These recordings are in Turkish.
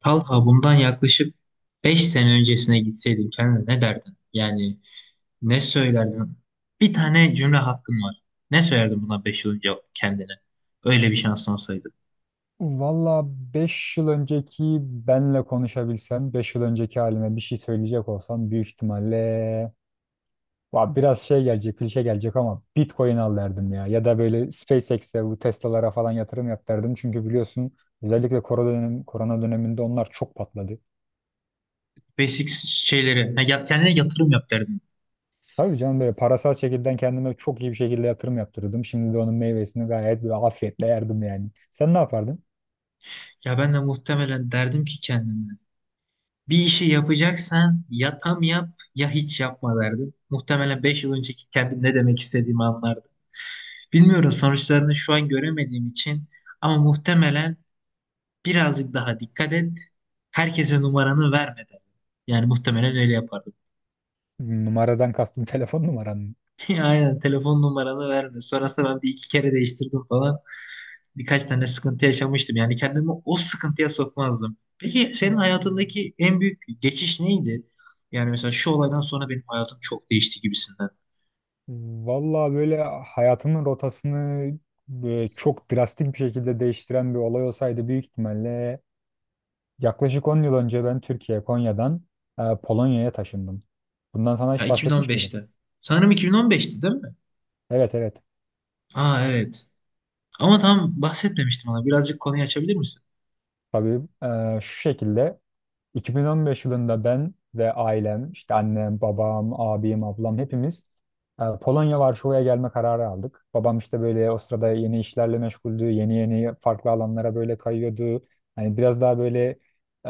Talha bundan yaklaşık 5 sene öncesine gitseydin kendine ne derdin? Yani ne söylerdin? Bir tane cümle hakkın var. Ne söylerdin buna 5 yıl önce kendine? Öyle bir şansın olsaydı. Valla 5 yıl önceki benle konuşabilsem, 5 yıl önceki halime bir şey söyleyecek olsam büyük ihtimalle va biraz şey gelecek, klişe gelecek ama Bitcoin al derdim ya. Ya da böyle SpaceX'e, bu Tesla'lara falan yatırım yap derdim. Çünkü biliyorsun özellikle korona döneminde onlar çok patladı. Basic şeyleri. Kendine yatırım yap derdin. Tabii canım böyle parasal şekilden kendime çok iyi bir şekilde yatırım yaptırdım. Şimdi de onun meyvesini gayet böyle afiyetle yerdim yani. Sen ne yapardın? Ya ben de muhtemelen derdim ki kendime. Bir işi yapacaksan ya tam yap ya hiç yapma derdim. Muhtemelen 5 yıl önceki kendim ne demek istediğimi anlardım. Bilmiyorum sonuçlarını şu an göremediğim için ama muhtemelen birazcık daha dikkat et. Herkese numaranı verme derdim. Yani muhtemelen öyle yapardım. Numaradan kastın telefon numaran Aynen telefon numaranı verme. Sonrasında ben bir iki kere değiştirdim falan. Birkaç tane sıkıntı yaşamıştım. Yani kendimi o sıkıntıya sokmazdım. Peki senin mı? hayatındaki en büyük geçiş neydi? Yani mesela şu olaydan sonra benim hayatım çok değişti gibisinden. Vallahi böyle hayatımın rotasını çok drastik bir şekilde değiştiren bir olay olsaydı büyük ihtimalle yaklaşık 10 yıl önce ben Türkiye, Konya'dan Polonya'ya taşındım. Bundan sana Ya hiç bahsetmiş miydim? 2015'te. Sanırım 2015'ti değil mi? Evet evet. Aa, evet. Ama tam bahsetmemiştim ona. Birazcık konuyu açabilir misin? Tabii şu şekilde, 2015 yılında ben ve ailem, işte annem, babam, abim, ablam hepimiz Polonya Varşova'ya gelme kararı aldık. Babam işte böyle o sırada yeni işlerle meşguldü, yeni yeni farklı alanlara böyle kayıyordu. Hani biraz daha böyle e,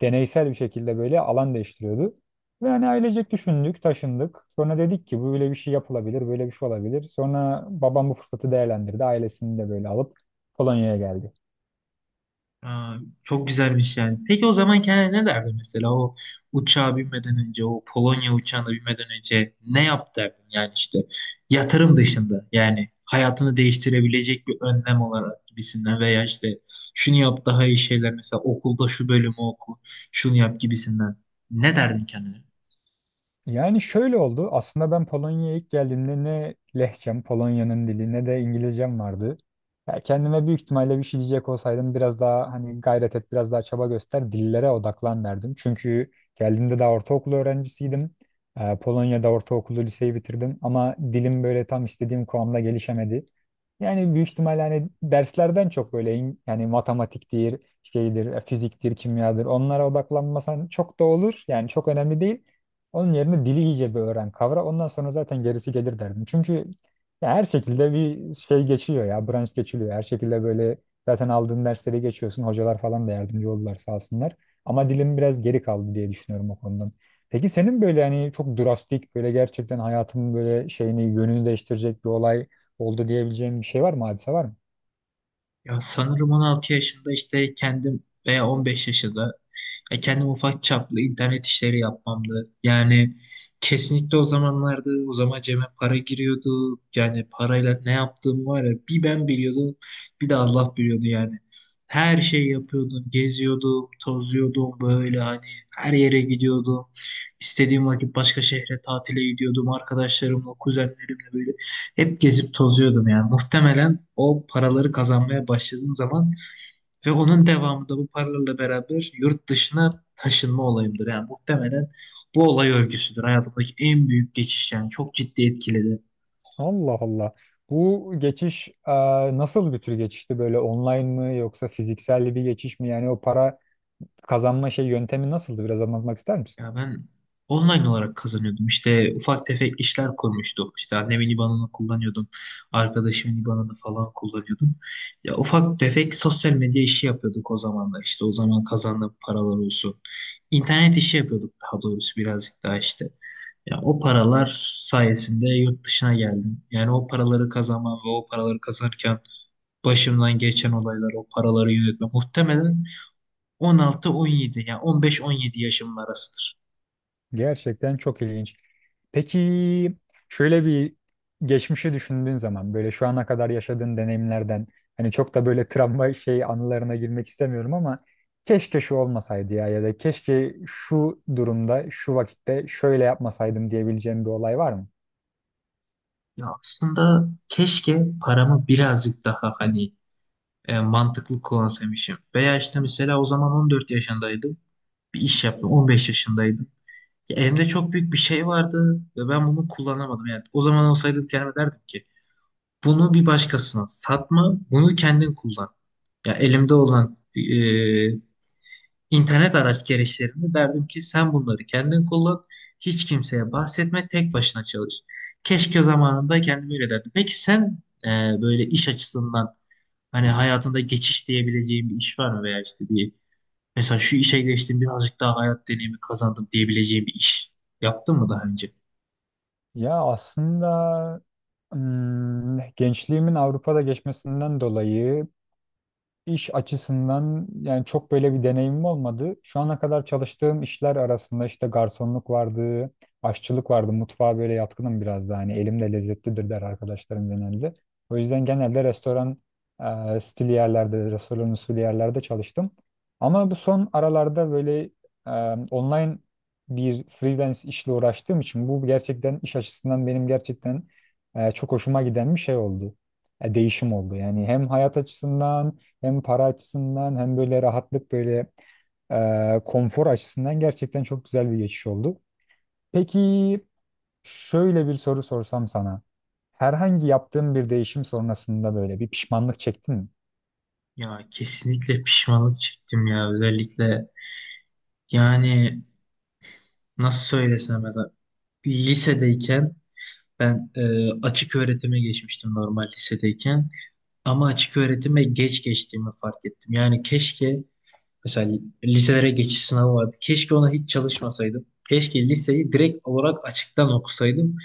deneysel bir şekilde böyle alan değiştiriyordu. Ve hani ailecek düşündük, taşındık. Sonra dedik ki bu böyle bir şey yapılabilir, böyle bir şey olabilir. Sonra babam bu fırsatı değerlendirdi. Ailesini de böyle alıp Polonya'ya geldi. Aa, çok güzelmiş yani. Peki o zaman kendine ne derdi mesela o uçağa binmeden önce, o Polonya uçağına binmeden önce ne yap derdin, yani işte yatırım dışında, yani hayatını değiştirebilecek bir önlem olarak gibisinden veya işte şunu yap daha iyi şeyler, mesela okulda şu bölümü oku, şunu yap gibisinden, ne derdin kendine? Yani şöyle oldu. Aslında ben Polonya'ya ilk geldiğimde ne lehçem, Polonya'nın dili ne de İngilizcem vardı. Ya kendime büyük ihtimalle bir şey diyecek olsaydım biraz daha hani gayret et, biraz daha çaba göster, dillere odaklan derdim. Çünkü geldiğimde daha ortaokul öğrencisiydim. Polonya'da ortaokulu, liseyi bitirdim ama dilim böyle tam istediğim kıvamda gelişemedi. Yani büyük ihtimalle hani derslerden çok böyle yani matematiktir, şeydir, fiziktir, kimyadır onlara odaklanmasan çok da olur. Yani çok önemli değil. Onun yerine dili iyice bir öğren, kavra. Ondan sonra zaten gerisi gelir derdim. Çünkü ya her şekilde bir şey geçiyor ya, branş geçiliyor. Her şekilde böyle zaten aldığın dersleri geçiyorsun. Hocalar falan da yardımcı oldular sağ olsunlar. Ama dilim biraz geri kaldı diye düşünüyorum o konudan. Peki senin böyle hani çok drastik, böyle gerçekten hayatımın böyle şeyini, yönünü değiştirecek bir olay oldu diyebileceğim bir şey var mı? Hadise var mı? Ya sanırım 16 yaşında işte kendim veya 15 yaşında, ya kendim ufak çaplı internet işleri yapmamdı. Yani kesinlikle o zamanlarda, o zaman cebe para giriyordu. Yani parayla ne yaptığım var ya, bir ben biliyordum, bir de Allah biliyordu yani. Her şeyi yapıyordum, geziyordum, tozuyordum böyle hani, her yere gidiyordum. İstediğim vakit başka şehre tatile gidiyordum arkadaşlarımla, kuzenlerimle böyle. Hep gezip tozuyordum yani. Muhtemelen o paraları kazanmaya başladığım zaman ve onun devamında bu paralarla beraber yurt dışına taşınma olayımdır. Yani muhtemelen bu olay örgüsüdür. Hayatımdaki en büyük geçiş, yani çok ciddi etkiledi. Allah Allah. Bu geçiş nasıl bir tür geçişti? Böyle online mı yoksa fiziksel bir geçiş mi? Yani o para kazanma yöntemi nasıldı? Biraz anlatmak ister misin? Ya ben online olarak kazanıyordum. İşte ufak tefek işler koymuştum. İşte annemin IBAN'ını kullanıyordum. Arkadaşımın IBAN'ını falan kullanıyordum. Ya ufak tefek sosyal medya işi yapıyorduk o zamanlar. İşte o zaman kazandığım paralar olsun. İnternet işi yapıyorduk daha doğrusu birazcık daha işte. Ya o paralar sayesinde yurt dışına geldim. Yani o paraları kazanmam ve o paraları kazanırken başımdan geçen olaylar, o paraları yönetme muhtemelen 16-17, yani 15-17 yaşımın arasıdır. Gerçekten çok ilginç. Peki şöyle bir geçmişi düşündüğün zaman böyle şu ana kadar yaşadığın deneyimlerden hani çok da böyle travma şey anılarına girmek istemiyorum ama keşke şu olmasaydı ya ya da keşke şu durumda şu vakitte şöyle yapmasaydım diyebileceğim bir olay var mı? Ya aslında keşke paramı birazcık daha hani mantıklı kullanabilmişim. Veya işte mesela o zaman 14 yaşındaydım. Bir iş yaptım. 15 yaşındaydım. Ya elimde çok büyük bir şey vardı ve ben bunu kullanamadım. Yani o zaman olsaydı kendime derdim ki bunu bir başkasına satma, bunu kendin kullan. Ya elimde olan İnternet araç gereçlerini derdim ki sen bunları kendin kullan, hiç kimseye bahsetme, tek başına çalış. Keşke zamanında kendime öyle derdim. Peki sen e, böyle iş açısından hani hayatında geçiş diyebileceğin bir iş var mı veya işte bir, mesela şu işe geçtim birazcık daha hayat deneyimi kazandım diyebileceğin bir iş yaptın mı daha önce? Ya aslında gençliğimin Avrupa'da geçmesinden dolayı İş açısından yani çok böyle bir deneyimim olmadı. Şu ana kadar çalıştığım işler arasında işte garsonluk vardı, aşçılık vardı. Mutfağa böyle yatkınım biraz da hani elim de lezzetlidir der arkadaşlarım genelde. O yüzden genelde restoran stili yerlerde, restoran usulü yerlerde çalıştım. Ama bu son aralarda böyle e, online bir freelance işle uğraştığım için bu gerçekten iş açısından benim gerçekten çok hoşuma giden bir şey oldu. Değişim oldu. Yani hem hayat açısından hem para açısından hem böyle rahatlık böyle konfor açısından gerçekten çok güzel bir geçiş oldu. Peki şöyle bir soru sorsam sana. Herhangi yaptığın bir değişim sonrasında böyle bir pişmanlık çektin mi? Ya kesinlikle pişmanlık çektim ya, özellikle yani nasıl söylesem, ya da lisedeyken ben açık öğretime geçmiştim normal lisedeyken. Ama açık öğretime geç geçtiğimi fark ettim. Yani keşke mesela liselere geçiş sınavı vardı. Keşke ona hiç çalışmasaydım. Keşke liseyi direkt olarak açıktan okusaydım.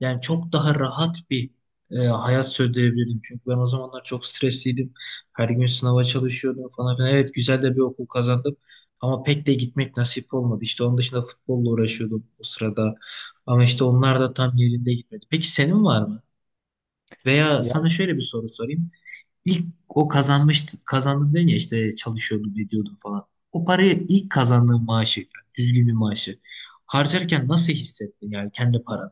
Yani çok daha rahat bir hayat sürdürebilirdim. Çünkü ben o zamanlar çok stresliydim. Her gün sınava çalışıyordum falan filan. Evet güzel de bir okul kazandım. Ama pek de gitmek nasip olmadı. İşte onun dışında futbolla uğraşıyordum o sırada. Ama işte onlar da tam yerinde gitmedi. Peki senin var mı? Veya sana Ya, şöyle bir soru sorayım. İlk o kazanmıştı, kazandı dedin ya, işte çalışıyordum ediyordum falan. O parayı ilk kazandığın maaşı, yani düzgün bir maaşı harcarken nasıl hissettin, yani kendi paranı?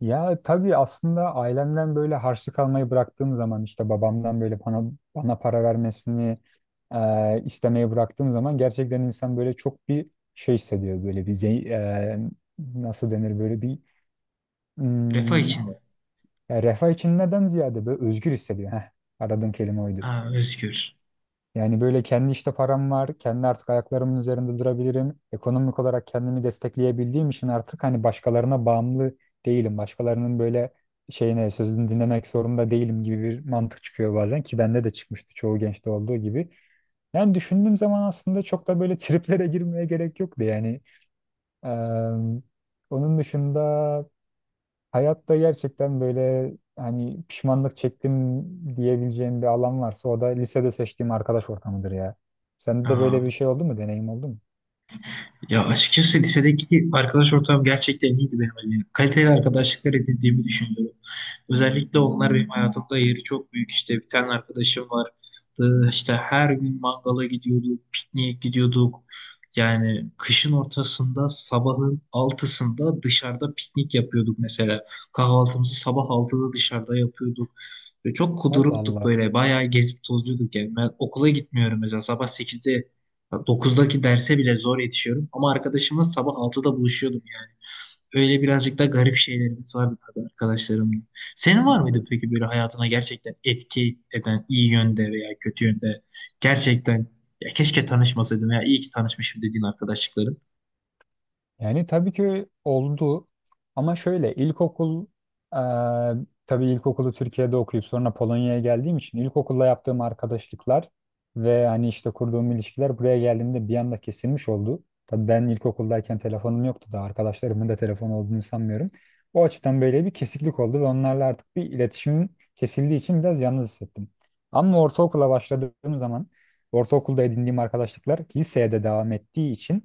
ya tabii aslında ailemden böyle harçlık almayı bıraktığım zaman işte babamdan böyle bana para vermesini istemeyi bıraktığım zaman gerçekten insan böyle çok bir şey hissediyor. Böyle bir nasıl denir böyle bir Refah hmm, içinde. yani refah içinden ziyade böyle özgür hissediyor. Heh, aradığım kelime oydu. Ha, özgür. Yani böyle kendi işte param var. Kendi artık ayaklarımın üzerinde durabilirim. Ekonomik olarak kendimi destekleyebildiğim için artık hani başkalarına bağımlı değilim. Başkalarının böyle şeyine sözünü dinlemek zorunda değilim gibi bir mantık çıkıyor bazen ki bende de çıkmıştı çoğu gençte olduğu gibi. Yani düşündüğüm zaman aslında çok da böyle triplere girmeye gerek yoktu yani. Eee, Onun dışında hayatta gerçekten böyle hani pişmanlık çektim diyebileceğim bir alan varsa o da lisede seçtiğim arkadaş ortamıdır ya. Sende de böyle Ha. bir şey oldu mu? Deneyim oldu mu? Ya açıkçası lisedeki arkadaş ortamım gerçekten iyiydi benim. Yani kaliteli arkadaşlıklar edindiğimi düşünüyorum. Özellikle onlar benim hayatımda yeri çok büyük. İşte bir tane arkadaşım var. İşte her gün mangala gidiyorduk, pikniğe gidiyorduk. Yani kışın ortasında sabahın 6'sında dışarıda piknik yapıyorduk mesela. Kahvaltımızı sabah 6'da dışarıda yapıyorduk. Ve çok kuduruktuk Allah böyle. Bayağı gezip tozuyorduk yani. Ben okula gitmiyorum mesela. Sabah 8'de, 9'daki derse bile zor yetişiyorum. Ama arkadaşımla sabah 6'da buluşuyordum yani. Öyle birazcık da garip şeylerimiz vardı tabii arkadaşlarımla. Senin var mıydı Allah. peki böyle hayatına gerçekten etki eden iyi yönde veya kötü yönde, gerçekten ya keşke tanışmasaydım ya iyi ki tanışmışım dediğin arkadaşlıkların? Yani tabii ki oldu ama şöyle e, tabii ilkokulu Türkiye'de okuyup sonra Polonya'ya geldiğim için ilkokulla yaptığım arkadaşlıklar ve hani işte kurduğum ilişkiler buraya geldiğimde bir anda kesilmiş oldu. Tabii ben ilkokuldayken telefonum yoktu da arkadaşlarımın da telefon olduğunu sanmıyorum. O açıdan böyle bir kesiklik oldu ve onlarla artık bir iletişim kesildiği için biraz yalnız hissettim. Ama ortaokula başladığım zaman ortaokulda edindiğim arkadaşlıklar liseye de devam ettiği için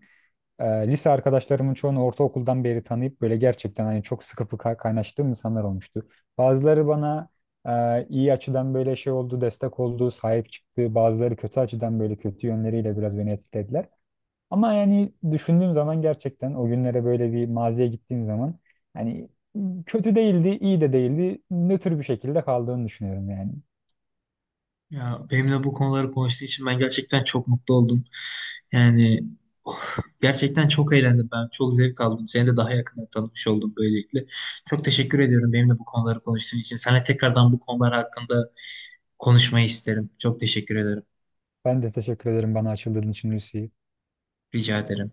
lise arkadaşlarımın çoğunu ortaokuldan beri tanıyıp böyle gerçekten hani çok sıkı fıkı kaynaştığım insanlar olmuştu. Bazıları bana iyi açıdan böyle şey oldu, destek oldu, sahip çıktı. Bazıları kötü açıdan böyle kötü yönleriyle biraz beni etkilediler. Ama yani düşündüğüm zaman gerçekten o günlere böyle bir maziye gittiğim zaman hani kötü değildi, iyi de değildi. Nötr bir şekilde kaldığını düşünüyorum yani. Ya benimle bu konuları konuştuğu için ben gerçekten çok mutlu oldum. Yani oh, gerçekten çok eğlendim ben. Çok zevk aldım. Seni de daha yakından tanımış oldum böylelikle. Çok teşekkür ediyorum benimle bu konuları konuştuğun için. Sana tekrardan bu konular hakkında konuşmayı isterim. Çok teşekkür ederim. Ben de teşekkür ederim bana açıldığın için Lucy. Rica ederim.